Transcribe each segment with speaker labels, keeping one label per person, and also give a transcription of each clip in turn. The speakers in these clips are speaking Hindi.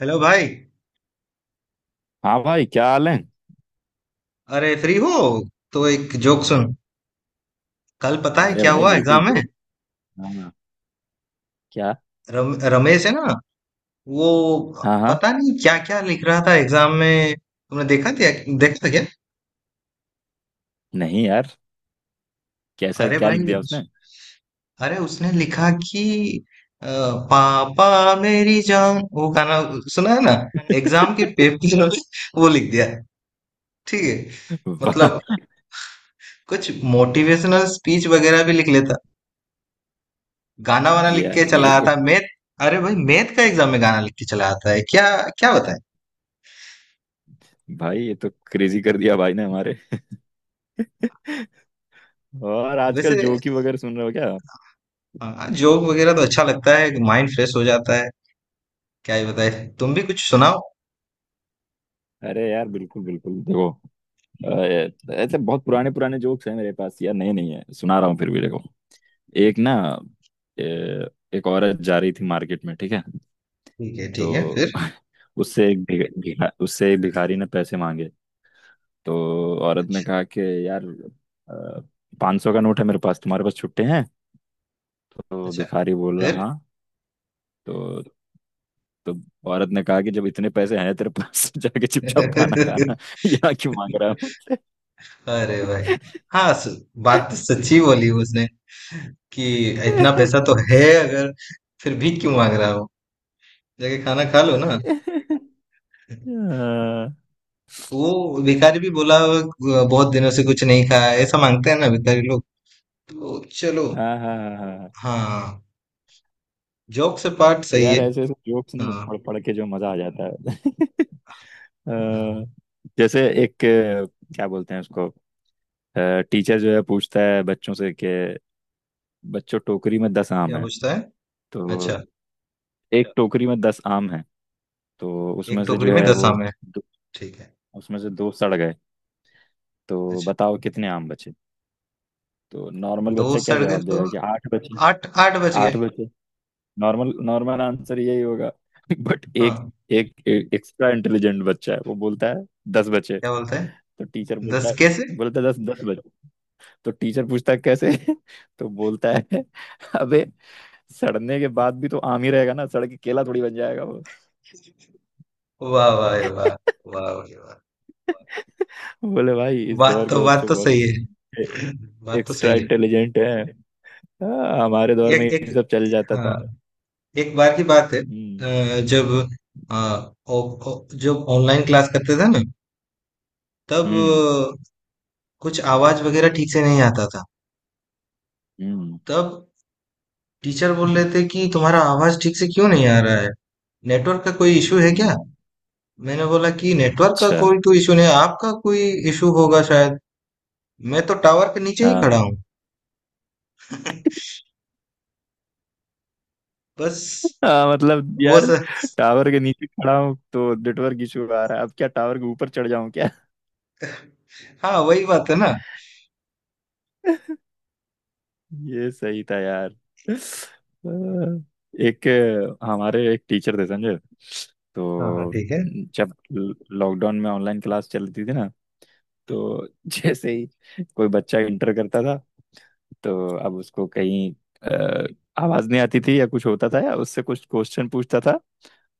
Speaker 1: हेलो भाई।
Speaker 2: हाँ भाई, क्या हाल है?
Speaker 1: अरे फ्री हो तो एक जोक सुन। कल पता है
Speaker 2: अरे
Speaker 1: क्या
Speaker 2: भाई,
Speaker 1: हुआ
Speaker 2: बिल्कुल।
Speaker 1: एग्जाम में।
Speaker 2: जोक? हाँ। क्या?
Speaker 1: रमेश है ना, वो
Speaker 2: हाँ हाँ।
Speaker 1: पता नहीं क्या क्या लिख रहा था एग्जाम में। तुमने देखा था? देखा था क्या?
Speaker 2: नहीं यार। कैसा,
Speaker 1: अरे
Speaker 2: क्या लिख
Speaker 1: भाई
Speaker 2: दिया उसने?
Speaker 1: अरे उसने लिखा कि अ, पापा मेरी जान वो गाना सुना है ना, एग्जाम के पेपर में वो लिख दिया। ठीक है।
Speaker 2: वाह।
Speaker 1: मतलब कुछ मोटिवेशनल स्पीच वगैरह भी लिख लेता, गाना वाना लिख के
Speaker 2: यार
Speaker 1: चला
Speaker 2: ये तो
Speaker 1: आता है। मैथ, अरे भाई मैथ का एग्जाम में गाना लिख के चला आता है क्या? क्या बताएं।
Speaker 2: भाई, ये तो क्रेजी कर दिया भाई ने हमारे। और
Speaker 1: वैसे
Speaker 2: आजकल जोक ही वगैरह सुन रहे हो क्या?
Speaker 1: जोक वगैरह तो अच्छा लगता है, माइंड फ्रेश हो जाता है। क्या ही बताए। तुम भी कुछ सुनाओ।
Speaker 2: अरे यार, बिल्कुल बिल्कुल देखो। ऐसे बहुत पुराने पुराने जोक्स हैं मेरे पास यार, नए नहीं है, सुना रहा हूँ फिर भी देखो। एक ना, ए, एक औरत जा रही थी मार्केट में, ठीक है?
Speaker 1: ठीक है ठीक है,
Speaker 2: तो
Speaker 1: फिर?
Speaker 2: उससे एक भिखारी ने पैसे मांगे। तो औरत ने कहा कि यार, 500 का नोट है मेरे पास, तुम्हारे पास छुट्टे हैं? तो
Speaker 1: अच्छा,
Speaker 2: भिखारी बोल रहा
Speaker 1: फिर?
Speaker 2: हाँ। तो तो औरत ने कहा कि जब इतने पैसे हैं तेरे पास तो जाके चुपचाप खाना खाना। यहाँ क्यों मांग रहा है मुझसे?
Speaker 1: अरे भाई! हाँ बात तो सच्ची बोली उसने, कि इतना पैसा तो है अगर, फिर भीख क्यों मांग रहा हो? जाके खाना खा लो ना।
Speaker 2: हाँ
Speaker 1: वो भिखारी भी बोला, बहुत दिनों से कुछ नहीं खाया, ऐसा मांगते हैं ना भिखारी लोग। तो चलो।"
Speaker 2: हाँ हाँ हाँ हाँ।
Speaker 1: हाँ, जॉक से पार्ट सही है।
Speaker 2: यार, ऐसे ऐसे जोक्स ना
Speaker 1: हाँ
Speaker 2: पढ़ पढ़ के जो मजा आ जाता है।
Speaker 1: हाँ।
Speaker 2: अ, जैसे एक क्या बोलते हैं उसको, टीचर जो है पूछता है बच्चों से कि बच्चों, टोकरी में 10 आम
Speaker 1: क्या
Speaker 2: है।
Speaker 1: पूछता है?
Speaker 2: तो
Speaker 1: अच्छा,
Speaker 2: एक टोकरी में 10 आम हैं। तो उसमें
Speaker 1: एक
Speaker 2: से
Speaker 1: टोकरी
Speaker 2: जो
Speaker 1: में
Speaker 2: है
Speaker 1: दस
Speaker 2: वो
Speaker 1: आम है।
Speaker 2: दो,
Speaker 1: ठीक है।
Speaker 2: उसमें से दो सड़ गए। तो
Speaker 1: अच्छा,
Speaker 2: बताओ कितने आम बचे? तो नॉर्मल
Speaker 1: दो
Speaker 2: बच्चा क्या
Speaker 1: सड़ गए
Speaker 2: जवाब
Speaker 1: तो
Speaker 2: देगा कि आठ बचे।
Speaker 1: आठ आठ बच गए।
Speaker 2: आठ बचे। नॉर्मल नॉर्मल आंसर यही होगा। बट एक
Speaker 1: हाँ।
Speaker 2: एक एक्स्ट्रा इंटेलिजेंट बच्चा है, वो बोलता है 10 बचे।
Speaker 1: क्या बोलता है?
Speaker 2: तो टीचर बोलता
Speaker 1: दस
Speaker 2: है,
Speaker 1: कैसे?
Speaker 2: बोलता है दस दस बचे। तो टीचर पूछता है कैसे? तो बोलता
Speaker 1: हाँ,
Speaker 2: है अबे, सड़ने के बाद भी तो आम ही रहेगा ना, सड़ के केला थोड़ी बन जाएगा वो।
Speaker 1: वाह वाह वाह। वाह वाह भाई वाह।
Speaker 2: बोले भाई, इस दौर के
Speaker 1: बात
Speaker 2: बच्चे
Speaker 1: तो
Speaker 2: बहुत
Speaker 1: सही है। बात तो
Speaker 2: एक्स्ट्रा
Speaker 1: सही है।
Speaker 2: इंटेलिजेंट हैं। हाँ, हमारे दौर में
Speaker 1: एक
Speaker 2: ये
Speaker 1: एक।
Speaker 2: सब चल जाता
Speaker 1: हाँ।
Speaker 2: था।
Speaker 1: एक बार की बात है
Speaker 2: हम्म।
Speaker 1: जब अ, ओ, ओ, जब ऑनलाइन क्लास करते थे ना, तब
Speaker 2: हम्म।
Speaker 1: अ, कुछ आवाज वगैरह ठीक से नहीं आता था।
Speaker 2: हम्म।
Speaker 1: तब टीचर बोल रहे थे कि तुम्हारा आवाज ठीक से क्यों नहीं आ रहा है, नेटवर्क का कोई इशू है क्या?
Speaker 2: हम्म।
Speaker 1: मैंने बोला कि नेटवर्क का
Speaker 2: अच्छा।
Speaker 1: कोई तो इशू नहीं है, आपका कोई इशू होगा शायद। मैं तो टावर के नीचे ही खड़ा
Speaker 2: हाँ
Speaker 1: हूँ। बस।
Speaker 2: हाँ, मतलब
Speaker 1: वो
Speaker 2: यार,
Speaker 1: सर।
Speaker 2: टावर के नीचे खड़ा हूँ तो नेटवर्क इशू आ रहा है, अब क्या टावर के ऊपर चढ़ जाऊं क्या?
Speaker 1: हाँ वही बात है ना।
Speaker 2: ये सही था यार। अ, एक हमारे एक टीचर थे समझे।
Speaker 1: हाँ हाँ
Speaker 2: तो
Speaker 1: ठीक है।
Speaker 2: जब लॉकडाउन में ऑनलाइन क्लास चलती थी ना, तो जैसे ही कोई बच्चा इंटर करता था, तो अब उसको कहीं अ, आवाज नहीं आती थी या कुछ होता था या उससे कुछ क्वेश्चन पूछता था।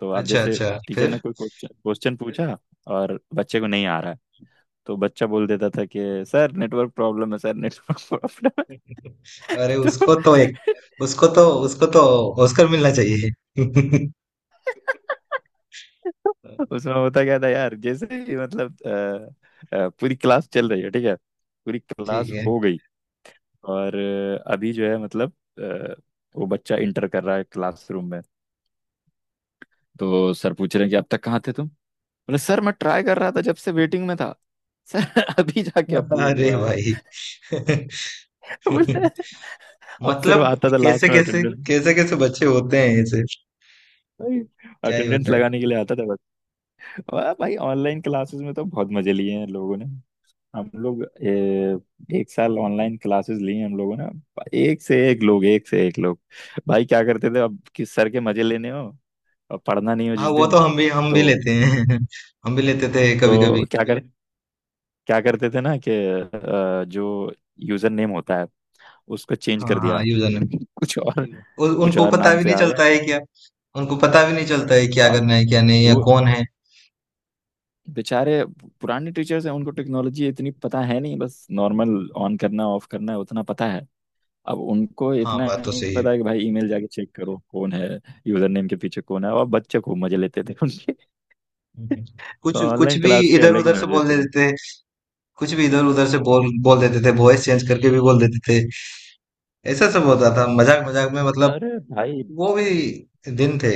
Speaker 2: तो अब
Speaker 1: अच्छा
Speaker 2: जैसे
Speaker 1: अच्छा,
Speaker 2: टीचर
Speaker 1: फिर?
Speaker 2: ने कोई क्वेश्चन क्वेश्चन पूछा और बच्चे को नहीं आ रहा है, तो बच्चा बोल देता था कि सर नेटवर्क प्रॉब्लम है, सर नेटवर्क प्रॉब्लम है।
Speaker 1: अरे उसको तो एक, उसको तो ऑस्कर मिलना चाहिए।
Speaker 2: तो उसमें होता क्या था यार, जैसे ही मतलब पूरी क्लास चल रही है, ठीक है, पूरी
Speaker 1: ठीक
Speaker 2: क्लास
Speaker 1: है।
Speaker 2: हो गई। और अभी जो है, मतलब अ, वो बच्चा इंटर कर रहा है क्लासरूम में। तो सर पूछ रहे हैं कि अब तक कहाँ थे तुम? बोले सर, मैं ट्राई कर रहा था, जब से वेटिंग में था। सर, अभी जाके अप्रूव
Speaker 1: अरे
Speaker 2: हुआ
Speaker 1: भाई।
Speaker 2: है। बोले अब सिर्फ
Speaker 1: मतलब
Speaker 2: आता था
Speaker 1: कैसे
Speaker 2: लास्ट में
Speaker 1: कैसे
Speaker 2: अटेंडेंस।
Speaker 1: कैसे कैसे बच्चे होते हैं ऐसे।
Speaker 2: भाई,
Speaker 1: क्या ही
Speaker 2: अटेंडेंस
Speaker 1: होता है।
Speaker 2: लगाने के लिए आता था बस। वाह भाई, ऑनलाइन क्लासेस में तो बहुत मजे लिए हैं लोगों ने। हम लोग एक साल ऑनलाइन क्लासेस लिए हैं हम लोगों ने। एक से एक लोग, एक से एक लोग। भाई क्या करते थे, अब किस सर के मजे लेने हो और पढ़ना नहीं हो
Speaker 1: हाँ
Speaker 2: जिस
Speaker 1: वो तो
Speaker 2: दिन,
Speaker 1: हम भी
Speaker 2: तो
Speaker 1: लेते हैं। हम भी लेते थे कभी कभी।
Speaker 2: क्या कर जी? क्या करते थे ना कि जो यूजर नेम होता है, उसको चेंज
Speaker 1: हाँ
Speaker 2: कर
Speaker 1: हाँ
Speaker 2: दिया।
Speaker 1: यूजर।
Speaker 2: कुछ और जी, कुछ
Speaker 1: उनको
Speaker 2: और
Speaker 1: पता
Speaker 2: नाम
Speaker 1: भी
Speaker 2: से
Speaker 1: नहीं
Speaker 2: आ गए।
Speaker 1: चलता है क्या? उनको पता भी नहीं चलता है क्या
Speaker 2: और
Speaker 1: करना है क्या नहीं या
Speaker 2: वो
Speaker 1: कौन है।
Speaker 2: बेचारे पुराने टीचर्स हैं, उनको टेक्नोलॉजी इतनी पता है नहीं, बस नॉर्मल ऑन करना ऑफ करना है उतना पता है। अब उनको
Speaker 1: हाँ
Speaker 2: इतना
Speaker 1: बात तो
Speaker 2: नहीं
Speaker 1: सही है।
Speaker 2: पता है कि भाई ईमेल जाके चेक करो कौन है, यूजर नेम के पीछे कौन है, और बच्चे खूब मजे लेते थे उनके।
Speaker 1: हम्म।
Speaker 2: तो
Speaker 1: कुछ कुछ
Speaker 2: ऑनलाइन
Speaker 1: भी
Speaker 2: क्लास के
Speaker 1: इधर
Speaker 2: अलग
Speaker 1: उधर
Speaker 2: ही
Speaker 1: से
Speaker 2: मजे
Speaker 1: बोल
Speaker 2: थे।
Speaker 1: देते थे। कुछ भी इधर उधर से बोल बोल देते थे, वॉइस चेंज करके भी बोल देते थे। ऐसा सब होता था, मजाक मजाक में। मतलब
Speaker 2: अरे भाई,
Speaker 1: वो भी दिन थे।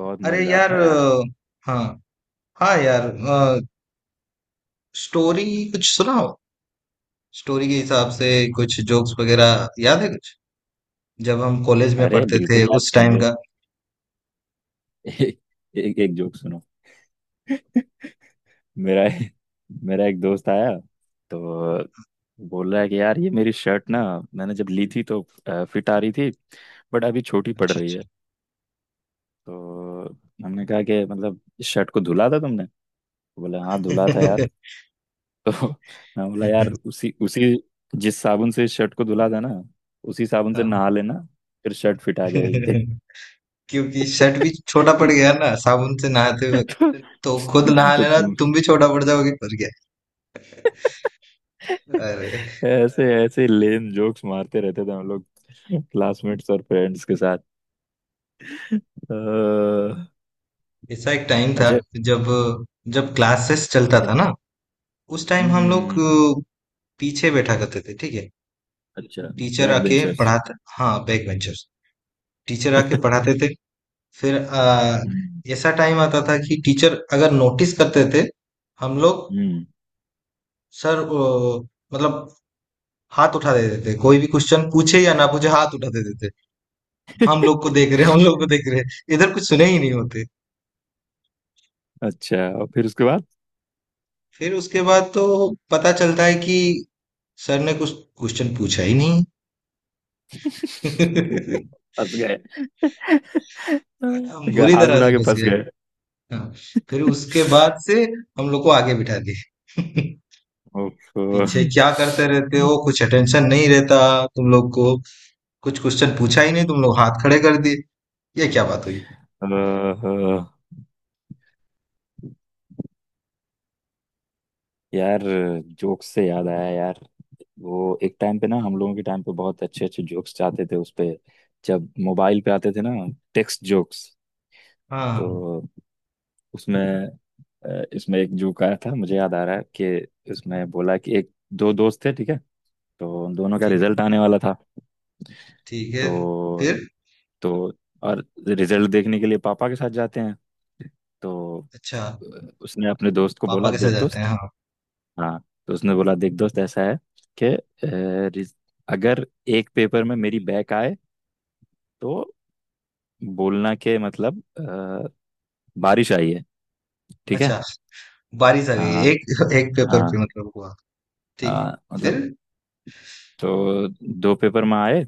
Speaker 2: बहुत
Speaker 1: अरे
Speaker 2: मजेदार
Speaker 1: यार
Speaker 2: था यार।
Speaker 1: हाँ हाँ यार। स्टोरी कुछ सुनाओ, स्टोरी के हिसाब से। कुछ जोक्स वगैरह याद है कुछ? जब हम कॉलेज में
Speaker 2: अरे
Speaker 1: पढ़ते
Speaker 2: बिल्कुल
Speaker 1: थे
Speaker 2: यार,
Speaker 1: उस टाइम
Speaker 2: सुनो।
Speaker 1: का।
Speaker 2: एक एक, एक एक जोक सुनो। मेरा मेरा एक दोस्त आया। तो बोल रहा है कि यार, ये मेरी शर्ट ना, मैंने जब ली थी तो फिट आ रही थी, बट अभी छोटी पड़ रही
Speaker 1: अच्छा,
Speaker 2: है। तो हमने कहा कि मतलब इस शर्ट को धुला था तुमने? तो बोला हाँ, धुला था यार।
Speaker 1: अच्छा।
Speaker 2: तो मैं बोला यार, उसी उसी जिस साबुन से इस शर्ट को धुला था ना, उसी साबुन से
Speaker 1: हाँ।
Speaker 2: नहा लेना, फिर शर्ट फिट आ जाएगी
Speaker 1: क्योंकि शर्ट भी छोटा पड़
Speaker 2: तेरी।
Speaker 1: गया ना साबुन से नहाते वक्त।
Speaker 2: तो,
Speaker 1: तो खुद नहा
Speaker 2: तो
Speaker 1: लेना,
Speaker 2: तुम
Speaker 1: तुम भी छोटा पड़ जाओगे, पड़ गया। अरे।
Speaker 2: ऐसे ऐसे लेन जोक्स मारते रहते थे हम लोग क्लासमेट्स और फ्रेंड्स के साथ। अ,
Speaker 1: ऐसा एक टाइम था,
Speaker 2: अच्छा।
Speaker 1: जब जब क्लासेस चलता
Speaker 2: हम्म।
Speaker 1: था ना, उस टाइम
Speaker 2: हम्म,
Speaker 1: हम
Speaker 2: हम्म,
Speaker 1: लोग
Speaker 2: हम्म,
Speaker 1: पीछे बैठा करते थे ठीक है।
Speaker 2: अच्छा।
Speaker 1: टीचर
Speaker 2: बैक
Speaker 1: आके
Speaker 2: बेंचर्स।
Speaker 1: पढ़ाते, हाँ बैक बेंचर्स। टीचर आके पढ़ाते थे। फिर
Speaker 2: हम्म।
Speaker 1: ऐसा टाइम आता था कि टीचर अगर नोटिस करते थे हम लोग।
Speaker 2: हम्म।
Speaker 1: सर मतलब हाथ उठा देते थे, कोई भी क्वेश्चन पूछे या ना पूछे हाथ उठा देते थे। हम लोग को देख रहे हैं हम लोग को देख रहे हैं इधर, कुछ सुने ही नहीं होते।
Speaker 2: अच्छा, और फिर उसके बाद?
Speaker 1: फिर उसके बाद तो पता चलता है कि सर ने कुछ क्वेश्चन पूछा ही नहीं।
Speaker 2: फंस गए।
Speaker 1: हम बुरी
Speaker 2: हाथ
Speaker 1: तरह
Speaker 2: उठा
Speaker 1: से
Speaker 2: के
Speaker 1: फंस
Speaker 2: फंस
Speaker 1: गए।
Speaker 2: गए।
Speaker 1: हाँ, फिर उसके बाद से हम लोग को आगे बिठा दिए।
Speaker 2: ओफो।
Speaker 1: पीछे क्या करते रहते हो, कुछ अटेंशन नहीं रहता तुम लोग को, कुछ क्वेश्चन पूछा ही नहीं तुम लोग हाथ खड़े कर दिए, ये क्या बात हुई।
Speaker 2: अ, यार, जोक्स से याद आया यार, वो एक टाइम पे ना, हम लोगों के टाइम पे बहुत अच्छे अच्छे जोक्स आते थे उस पे, जब मोबाइल पे आते थे ना, टेक्स्ट जोक्स।
Speaker 1: हाँ
Speaker 2: तो उसमें इसमें एक जोक आया था, मुझे याद आ रहा है कि इसमें बोला कि एक दो दोस्त थे, ठीक है? तो उन दोनों का
Speaker 1: ठीक
Speaker 2: रिजल्ट आने वाला था।
Speaker 1: ठीक है,
Speaker 2: तो
Speaker 1: फिर?
Speaker 2: तो और रिजल्ट देखने के लिए पापा के साथ जाते हैं। तो
Speaker 1: अच्छा,
Speaker 2: अ, उसने अपने दोस्त को
Speaker 1: पापा
Speaker 2: बोला
Speaker 1: कैसे
Speaker 2: देख
Speaker 1: जाते हैं?
Speaker 2: दोस्त।
Speaker 1: हाँ।
Speaker 2: हाँ। तो उसने बोला देख दोस्त, ऐसा है कि रिज- अगर एक पेपर में मेरी बैक आए तो बोलना के मतलब बारिश आई है। ठीक है?
Speaker 1: अच्छा, बारिश आ गई,
Speaker 2: हाँ
Speaker 1: एक एक पेपर पे
Speaker 2: हाँ
Speaker 1: मतलब हुआ। ठीक है,
Speaker 2: हाँ, मतलब
Speaker 1: फिर?
Speaker 2: तो दो पेपर में आए,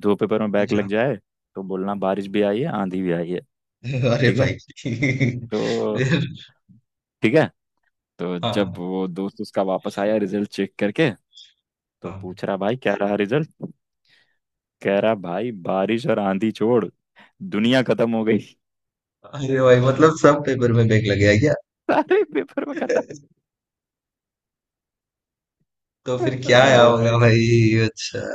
Speaker 2: दो पेपर में बैक लग
Speaker 1: अच्छा।
Speaker 2: जाए तो बोलना बारिश भी आई है आंधी भी आई है।
Speaker 1: अरे
Speaker 2: ठीक है?
Speaker 1: भाई!
Speaker 2: तो
Speaker 1: फिर?
Speaker 2: ठीक है, तो जब
Speaker 1: हाँ
Speaker 2: वो दोस्त उसका वापस आया रिजल्ट चेक करके, तो
Speaker 1: हाँ।
Speaker 2: पूछ रहा भाई क्या रहा रिजल्ट? कह रहा भाई, बारिश और आंधी छोड़, दुनिया खत्म हो गई।
Speaker 1: अरे भाई मतलब सब पेपर में बैग लग गया क्या?
Speaker 2: सारे पेपर में खत्म।
Speaker 1: तो फिर
Speaker 2: ओ
Speaker 1: क्या आया होगा
Speaker 2: भाई,
Speaker 1: भाई। अच्छा।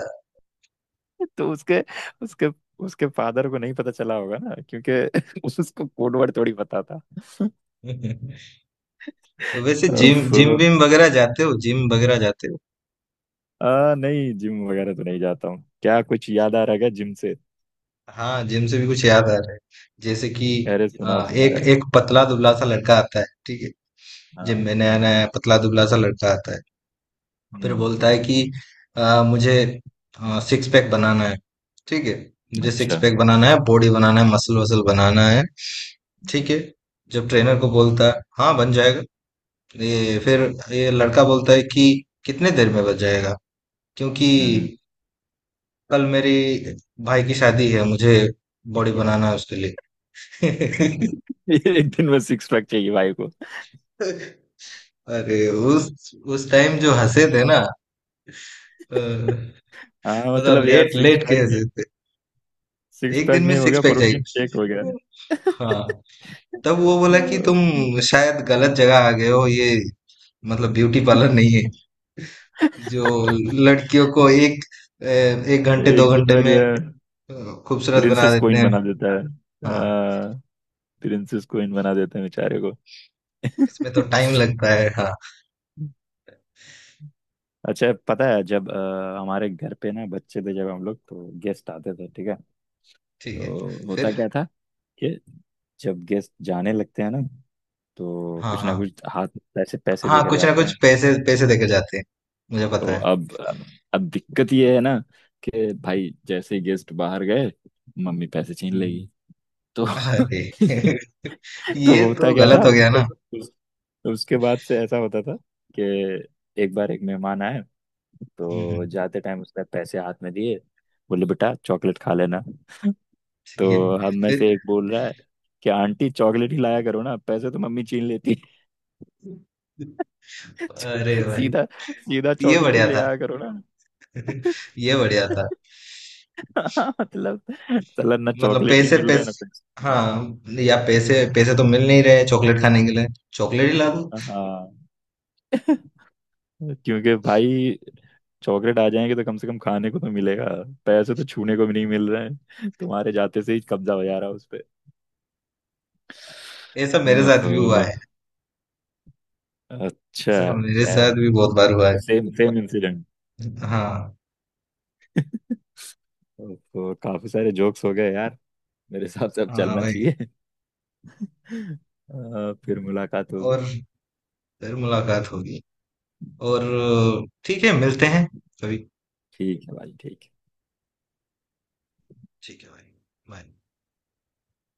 Speaker 2: तो उसके उसके उसके फादर को नहीं पता चला होगा ना, क्योंकि उसको कोड वर्ड थोड़ी पता था।
Speaker 1: तो वैसे
Speaker 2: उफ।
Speaker 1: जिम जिम विम वगैरह जाते हो? जिम वगैरह जाते हो?
Speaker 2: नहीं, जिम वगैरह तो नहीं जाता हूँ, क्या कुछ याद आ रहा है क्या जिम से?
Speaker 1: हाँ जिम से भी कुछ याद आ रहा है, जैसे कि
Speaker 2: अरे सुनाओ
Speaker 1: हाँ,
Speaker 2: सुनाओ
Speaker 1: एक
Speaker 2: यार।
Speaker 1: एक पतला दुबला सा लड़का आता है ठीक है। जिम
Speaker 2: हाँ।
Speaker 1: में नया
Speaker 2: हाँ।
Speaker 1: नया पतला दुबला सा लड़का आता है। फिर
Speaker 2: हम्म।
Speaker 1: बोलता है कि मुझे सिक्स पैक बनाना है ठीक है। मुझे सिक्स
Speaker 2: अच्छा।
Speaker 1: पैक बनाना है, बॉडी बनाना है, मसल वसल बनाना है ठीक
Speaker 2: हम्म।
Speaker 1: है। जब ट्रेनर को बोलता है हाँ बन जाएगा। ये फिर, ये लड़का बोलता है कि कितने देर में बन जाएगा? क्योंकि
Speaker 2: हम्म।
Speaker 1: कल मेरी भाई की शादी है, मुझे बॉडी बनाना है उसके लिए।
Speaker 2: एक दिन में सिक्स पैक चाहिए भाई को?
Speaker 1: अरे उस टाइम जो हंसे थे ना, अ,
Speaker 2: हाँ,
Speaker 1: मतलब
Speaker 2: मतलब यार
Speaker 1: लेट
Speaker 2: सिक्स
Speaker 1: लेट के
Speaker 2: पैक नहीं,
Speaker 1: हंसे थे।
Speaker 2: सिक्स
Speaker 1: एक दिन
Speaker 2: पैक
Speaker 1: में
Speaker 2: नहीं हो
Speaker 1: सिक्स
Speaker 2: गया,
Speaker 1: पैक चाहिए।
Speaker 2: प्रोटीन शेक हो गया।
Speaker 1: हाँ, तब वो
Speaker 2: आ,
Speaker 1: बोला कि तुम शायद गलत जगह आ गए हो, ये मतलब ब्यूटी पार्लर नहीं है, जो लड़कियों को एक एक घंटे दो
Speaker 2: एक दिन
Speaker 1: घंटे
Speaker 2: में
Speaker 1: में
Speaker 2: जो है
Speaker 1: अ, खूबसूरत बना
Speaker 2: प्रिंसेस
Speaker 1: देते
Speaker 2: कोइन
Speaker 1: हैं।
Speaker 2: बना देता है।
Speaker 1: हाँ,
Speaker 2: आ, प्रिंसेस कोइन बना देते हैं बेचारे को।
Speaker 1: इसमें तो टाइम लगता है। हाँ
Speaker 2: अच्छा पता है, जब हमारे घर पे ना बच्चे थे जब हम लोग, तो गेस्ट आते थे, ठीक है?
Speaker 1: ठीक है,
Speaker 2: तो होता
Speaker 1: फिर?
Speaker 2: क्या था कि जब गेस्ट जाने लगते हैं ना, तो
Speaker 1: हाँ
Speaker 2: कुछ ना
Speaker 1: हाँ
Speaker 2: कुछ हाथ में पैसे पैसे
Speaker 1: हाँ।
Speaker 2: देकर
Speaker 1: कुछ ना
Speaker 2: जाते
Speaker 1: कुछ
Speaker 2: हैं।
Speaker 1: पैसे पैसे देके जाते हैं, मुझे
Speaker 2: तो
Speaker 1: पता
Speaker 2: अब दिक्कत ये है ना कि भाई, जैसे ही गेस्ट बाहर गए, मम्मी पैसे छीन लेगी। तो
Speaker 1: है। अरे।
Speaker 2: तो
Speaker 1: ये
Speaker 2: होता
Speaker 1: तो
Speaker 2: क्या था
Speaker 1: गलत हो गया
Speaker 2: उसके
Speaker 1: ना।
Speaker 2: उस, उसके बाद से ऐसा होता था कि एक बार एक मेहमान आए,
Speaker 1: हम्म।
Speaker 2: तो जाते टाइम उसने पैसे हाथ में दिए, बोले बेटा चॉकलेट खा लेना।
Speaker 1: ये
Speaker 2: तो हम में
Speaker 1: फिर?
Speaker 2: से एक बोल रहा है कि आंटी चॉकलेट ही लाया करो ना, पैसे तो मम्मी छीन लेती है।"
Speaker 1: अरे भाई।
Speaker 2: सीधा, सीधा
Speaker 1: ये
Speaker 2: चॉकलेट ही
Speaker 1: बढ़िया
Speaker 2: ले
Speaker 1: था।
Speaker 2: आया करो ना।
Speaker 1: ये बढ़िया था।
Speaker 2: हाँ, मतलब साला ना
Speaker 1: मतलब
Speaker 2: चॉकलेट ही
Speaker 1: पैसे
Speaker 2: मिल रहा है ना
Speaker 1: पैसे,
Speaker 2: पैसे।
Speaker 1: हाँ, या पैसे पैसे तो मिल नहीं रहे चॉकलेट खाने के लिए, चॉकलेट ही ला दो।
Speaker 2: हाँ, क्योंकि भाई, चॉकलेट आ जाएंगे तो कम से कम खाने को तो मिलेगा, पैसे तो छूने को भी नहीं मिल रहे हैं, तुम्हारे जाते से ही कब्जा हो जा रहा है उस पे।
Speaker 1: ऐसा मेरे साथ
Speaker 2: ओहो,
Speaker 1: भी हुआ है।
Speaker 2: अच्छा।
Speaker 1: ऐसा मेरे
Speaker 2: क्या है
Speaker 1: साथ भी बहुत बार हुआ
Speaker 2: मतलब,
Speaker 1: है।
Speaker 2: Same same incident.
Speaker 1: हाँ।
Speaker 2: तो काफी सारे जोक्स हो गए यार, मेरे हिसाब से अब
Speaker 1: हाँ
Speaker 2: चलना
Speaker 1: भाई।
Speaker 2: चाहिए। फिर मुलाकात होगी।
Speaker 1: और फिर मुलाकात होगी। और ठीक है, मिलते हैं कभी।
Speaker 2: ठीक है भाई, ठीक है।
Speaker 1: ठीक है भाई। बाय।